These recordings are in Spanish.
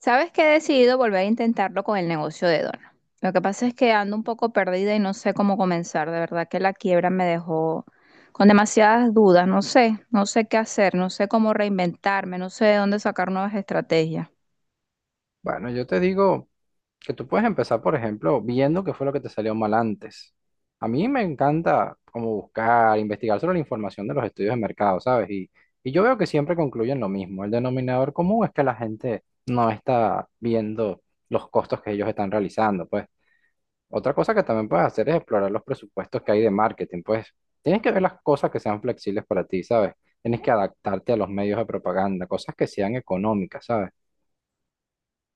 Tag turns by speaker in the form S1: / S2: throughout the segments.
S1: Sabes que he decidido volver a intentarlo con el negocio de Dona. Lo que pasa es que ando un poco perdida y no sé cómo comenzar. De verdad que la quiebra me dejó con demasiadas dudas. No sé, no sé qué hacer, no sé cómo reinventarme, no sé de dónde sacar nuevas estrategias.
S2: Bueno, yo te digo que tú puedes empezar, por ejemplo, viendo qué fue lo que te salió mal antes. A mí me encanta como buscar, investigar sobre la información de los estudios de mercado, ¿sabes? Y yo veo que siempre concluyen lo mismo. El denominador común es que la gente no está viendo los costos que ellos están realizando, pues. Otra cosa que también puedes hacer es explorar los presupuestos que hay de marketing, pues. Tienes que ver las cosas que sean flexibles para ti, ¿sabes? Tienes que adaptarte a los medios de propaganda, cosas que sean económicas, ¿sabes?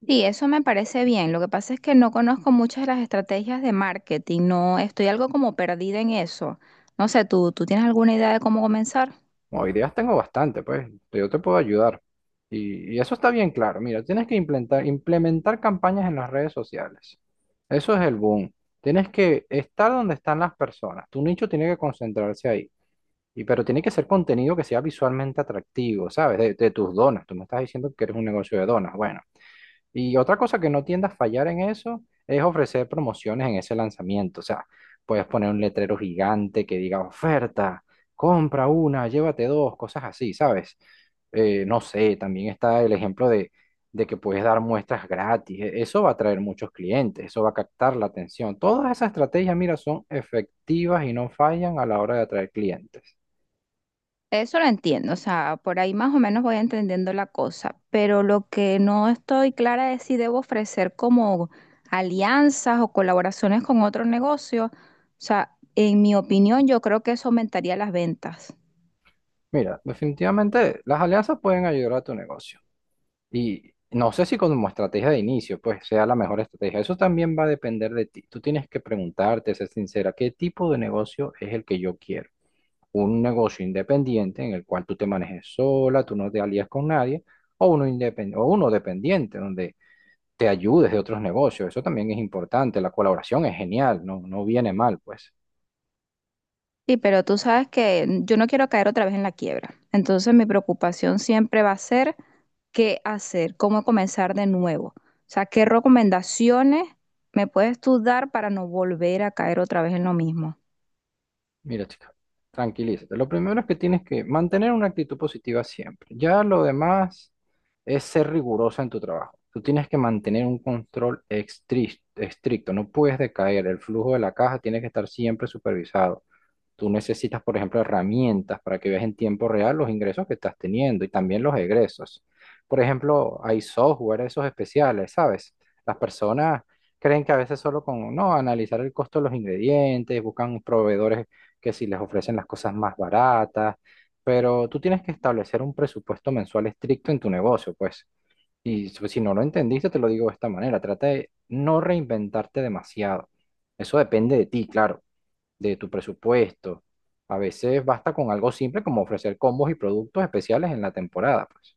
S1: Sí, eso me parece bien. Lo que pasa es que no conozco muchas de las estrategias de marketing. No, estoy algo como perdida en eso. No sé, ¿tú tienes alguna idea de cómo comenzar?
S2: Como ideas tengo bastante, pues yo te puedo ayudar. Y eso está bien claro. Mira, tienes que implementar campañas en las redes sociales. Eso es el boom. Tienes que estar donde están las personas. Tu nicho tiene que concentrarse ahí. Y, pero tiene que ser contenido que sea visualmente atractivo, ¿sabes? De tus donas. Tú me estás diciendo que eres un negocio de donas. Bueno, y otra cosa que no tienda a fallar en eso es ofrecer promociones en ese lanzamiento. O sea, puedes poner un letrero gigante que diga oferta, compra una, llévate dos, cosas así, ¿sabes? No sé, también está el ejemplo de, que puedes dar muestras gratis. Eso va a atraer muchos clientes, eso va a captar la atención. Todas esas estrategias, mira, son efectivas y no fallan a la hora de atraer clientes.
S1: Eso lo entiendo, o sea, por ahí más o menos voy entendiendo la cosa, pero lo que no estoy clara es si debo ofrecer como alianzas o colaboraciones con otro negocio. O sea, en mi opinión, yo creo que eso aumentaría las ventas.
S2: Mira, definitivamente las alianzas pueden ayudar a tu negocio. Y no sé si como estrategia de inicio, pues sea la mejor estrategia. Eso también va a depender de ti. Tú tienes que preguntarte, ser sincera, ¿qué tipo de negocio es el que yo quiero? ¿Un negocio independiente en el cual tú te manejes sola, tú no te alías con nadie? ¿O uno, o uno dependiente donde te ayudes de otros negocios? Eso también es importante. La colaboración es genial, no, no viene mal, pues.
S1: Sí, pero tú sabes que yo no quiero caer otra vez en la quiebra. Entonces mi preocupación siempre va a ser qué hacer, cómo comenzar de nuevo. O sea, ¿qué recomendaciones me puedes tú dar para no volver a caer otra vez en lo mismo?
S2: Mira, chica, tranquilízate. Lo primero es que tienes que mantener una actitud positiva siempre. Ya lo demás es ser rigurosa en tu trabajo. Tú tienes que mantener un control estricto, no puedes decaer. El flujo de la caja tiene que estar siempre supervisado. Tú necesitas, por ejemplo, herramientas para que veas en tiempo real los ingresos que estás teniendo y también los egresos. Por ejemplo, hay software, esos especiales, ¿sabes? Las personas creen que a veces solo con, no, analizar el costo de los ingredientes, buscan proveedores que si les ofrecen las cosas más baratas, pero tú tienes que establecer un presupuesto mensual estricto en tu negocio, pues. Y si no lo entendiste, te lo digo de esta manera, trata de no reinventarte demasiado. Eso depende de ti, claro, de tu presupuesto. A veces basta con algo simple como ofrecer combos y productos especiales en la temporada, pues.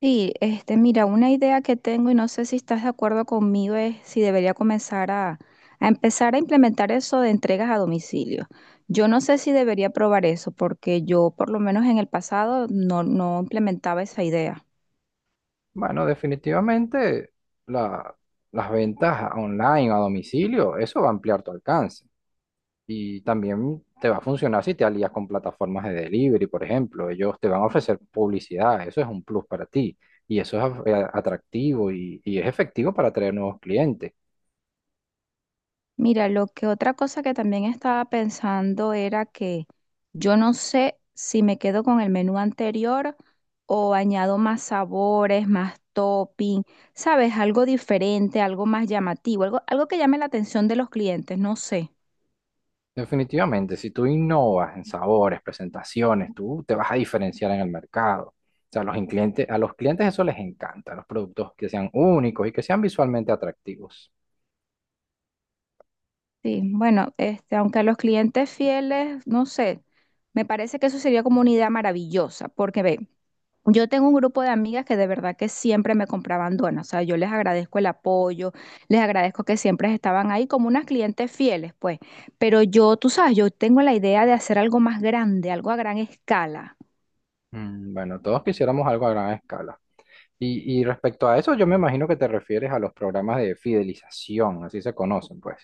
S1: Sí, este, mira, una idea que tengo y no sé si estás de acuerdo conmigo es si debería comenzar a empezar a implementar eso de entregas a domicilio. Yo no sé si debería probar eso porque yo por lo menos en el pasado no implementaba esa idea.
S2: Bueno, definitivamente la- las ventas online o a domicilio, eso va a ampliar tu alcance. Y también te va a funcionar si te alías con plataformas de delivery, por ejemplo. Ellos te van a ofrecer publicidad, eso es un plus para ti. Y eso es atractivo y es efectivo para atraer nuevos clientes.
S1: Mira, lo que otra cosa que también estaba pensando era que yo no sé si me quedo con el menú anterior o añado más sabores, más topping, ¿sabes? Algo diferente, algo más llamativo, algo que llame la atención de los clientes, no sé.
S2: Definitivamente, si tú innovas en sabores, presentaciones, tú te vas a diferenciar en el mercado. O sea, a los clientes eso les encanta, los productos que sean únicos y que sean visualmente atractivos.
S1: Sí, bueno, este, aunque a los clientes fieles, no sé, me parece que eso sería como una idea maravillosa, porque ve, yo tengo un grupo de amigas que de verdad que siempre me compraban donas, o sea, yo les agradezco el apoyo, les agradezco que siempre estaban ahí como unas clientes fieles, pues, pero yo, tú sabes, yo tengo la idea de hacer algo más grande, algo a gran escala.
S2: Mm, bueno, todos quisiéramos algo a gran escala. Y respecto a eso, yo me imagino que te refieres a los programas de fidelización, así se conocen, pues.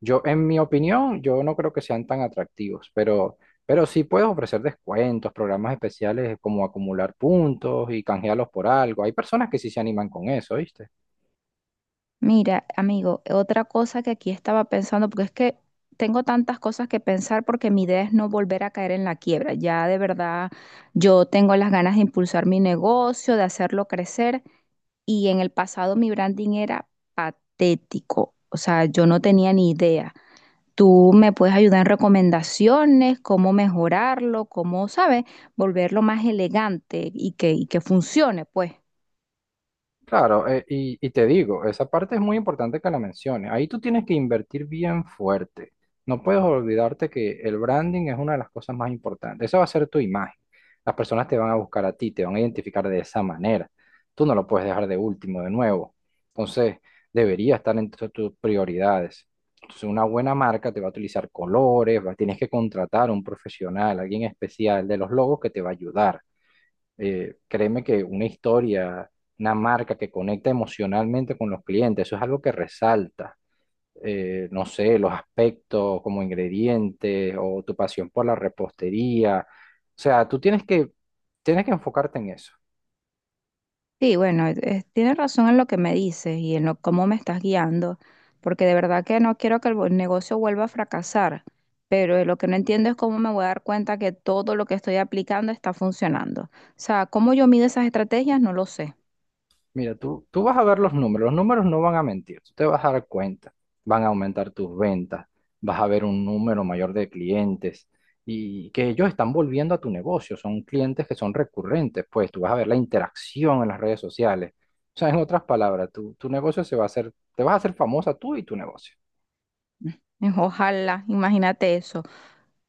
S2: Yo, en mi opinión, yo no creo que sean tan atractivos, pero sí puedes ofrecer descuentos, programas especiales como acumular puntos y canjearlos por algo. Hay personas que sí se animan con eso, ¿viste?
S1: Mira, amigo, otra cosa que aquí estaba pensando, porque es que tengo tantas cosas que pensar porque mi idea es no volver a caer en la quiebra, ya de verdad yo tengo las ganas de impulsar mi negocio, de hacerlo crecer. Y en el pasado mi branding era patético, o sea, yo no tenía ni idea. Tú me puedes ayudar en recomendaciones, cómo mejorarlo, cómo, ¿sabes? Volverlo más elegante y que funcione, pues.
S2: Claro, y te digo, esa parte es muy importante que la menciones. Ahí tú tienes que invertir bien fuerte. No puedes olvidarte que el branding es una de las cosas más importantes. Esa va a ser tu imagen. Las personas te van a buscar a ti, te van a identificar de esa manera. Tú no lo puedes dejar de último, de nuevo. Entonces, debería estar entre tus prioridades. Entonces, una buena marca te va a utilizar colores, tienes que contratar a un profesional, alguien especial de los logos que te va a ayudar. Créeme que una historia, una marca que conecta emocionalmente con los clientes, eso es algo que resalta. No sé, los aspectos como ingredientes o tu pasión por la repostería. O sea, tú tienes que enfocarte en eso.
S1: Sí, bueno, tienes razón en lo que me dices y en lo, cómo me estás guiando, porque de verdad que no quiero que el negocio vuelva a fracasar, pero lo que no entiendo es cómo me voy a dar cuenta que todo lo que estoy aplicando está funcionando. O sea, cómo yo mido esas estrategias, no lo sé.
S2: Mira, tú vas a ver los números no van a mentir, tú te vas a dar cuenta, van a aumentar tus ventas, vas a ver un número mayor de clientes y que ellos están volviendo a tu negocio, son clientes que son recurrentes, pues tú vas a ver la interacción en las redes sociales. O sea, en otras palabras, tu negocio se va a hacer, te vas a hacer famosa tú y tu negocio.
S1: Ojalá, imagínate eso.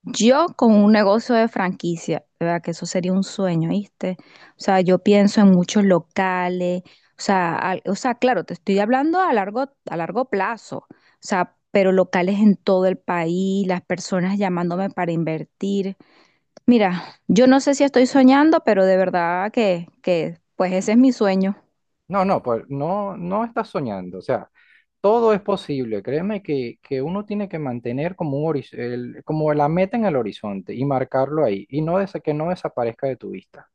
S1: Yo con un negocio de franquicia, de verdad que eso sería un sueño, ¿viste? O sea, yo pienso en muchos locales, o sea, o sea, claro, te estoy hablando a largo plazo, o sea, pero locales en todo el país, las personas llamándome para invertir. Mira, yo no sé si estoy soñando, pero de verdad que pues ese es mi sueño.
S2: No, no, pues no, no estás soñando, o sea. Todo es posible, créeme que uno tiene que mantener como un como la meta en el horizonte y marcarlo ahí y que no desaparezca de tu vista.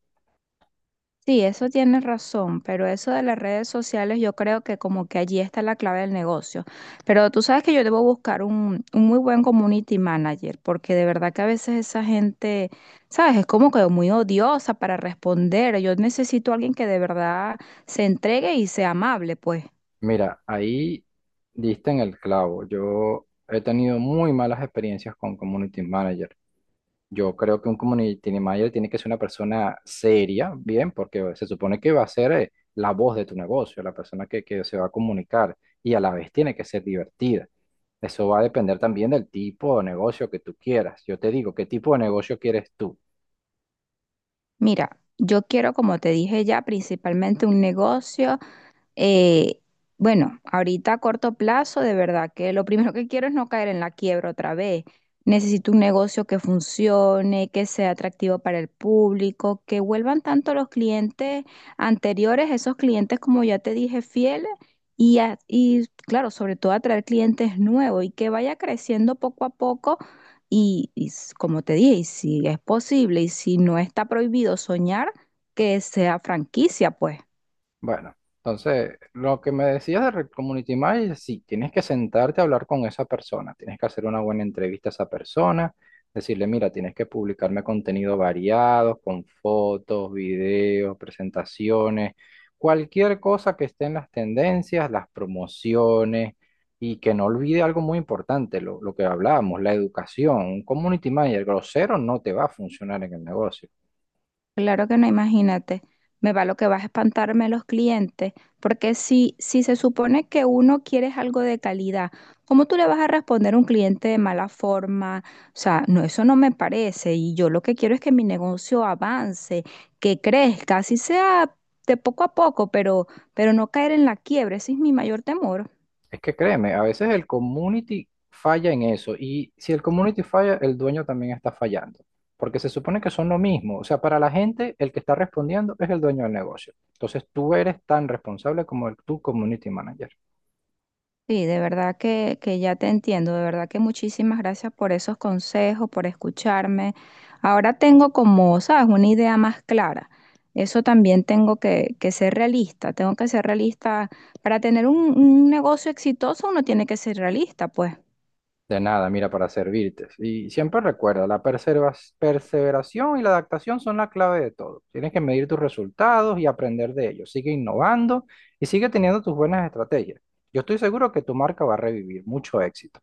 S1: Sí, eso tienes razón, pero eso de las redes sociales yo creo que como que allí está la clave del negocio. Pero tú sabes que yo debo buscar un muy buen community manager, porque de verdad que a veces esa gente, sabes, es como que muy odiosa para responder. Yo necesito a alguien que de verdad se entregue y sea amable, pues.
S2: Mira, ahí diste en el clavo. Yo he tenido muy malas experiencias con community manager. Yo creo que un community manager tiene que ser una persona seria, bien, porque se supone que va a ser la voz de tu negocio, la persona que se va a comunicar y a la vez tiene que ser divertida. Eso va a depender también del tipo de negocio que tú quieras. Yo te digo, ¿qué tipo de negocio quieres tú?
S1: Mira, yo quiero, como te dije ya, principalmente un negocio. Eh, bueno, ahorita a corto plazo, de verdad que lo primero que quiero es no caer en la quiebra otra vez. Necesito un negocio que funcione, que sea atractivo para el público, que vuelvan tanto los clientes anteriores, esos clientes, como ya te dije, fieles, y, y claro, sobre todo atraer clientes nuevos y que vaya creciendo poco a poco. Y, como te dije, y si es posible y si no está prohibido soñar, que sea franquicia, pues.
S2: Bueno, entonces, lo que me decías de Red Community Manager, sí, tienes que sentarte a hablar con esa persona, tienes que hacer una buena entrevista a esa persona, decirle, mira, tienes que publicarme contenido variado, con fotos, videos, presentaciones, cualquier cosa que esté en las tendencias, las promociones, y que no olvide algo muy importante, lo que hablábamos, la educación. Un community manager grosero no te va a funcionar en el negocio.
S1: Claro que no, imagínate. Me va lo que vas a espantarme los clientes, porque si se supone que uno quiere es algo de calidad, ¿cómo tú le vas a responder a un cliente de mala forma? O sea, no, eso no me parece. Y yo lo que quiero es que mi negocio avance, que crezca, así sea de poco a poco, pero no caer en la quiebra. Ese es mi mayor temor.
S2: Es que créeme, a veces el community falla en eso y si el community falla, el dueño también está fallando, porque se supone que son lo mismo. O sea, para la gente, el que está respondiendo es el dueño del negocio. Entonces tú eres tan responsable como el, tu community manager.
S1: Sí, de verdad que ya te entiendo, de verdad que muchísimas gracias por esos consejos, por escucharme. Ahora tengo como, sabes, una idea más clara. Eso también tengo que ser realista, tengo que ser realista. Para tener un negocio exitoso uno tiene que ser realista, pues.
S2: De nada, mira, para servirte. Y siempre recuerda, la perseveración y la adaptación son la clave de todo. Tienes que medir tus resultados y aprender de ellos. Sigue innovando y sigue teniendo tus buenas estrategias. Yo estoy seguro que tu marca va a revivir. Mucho éxito.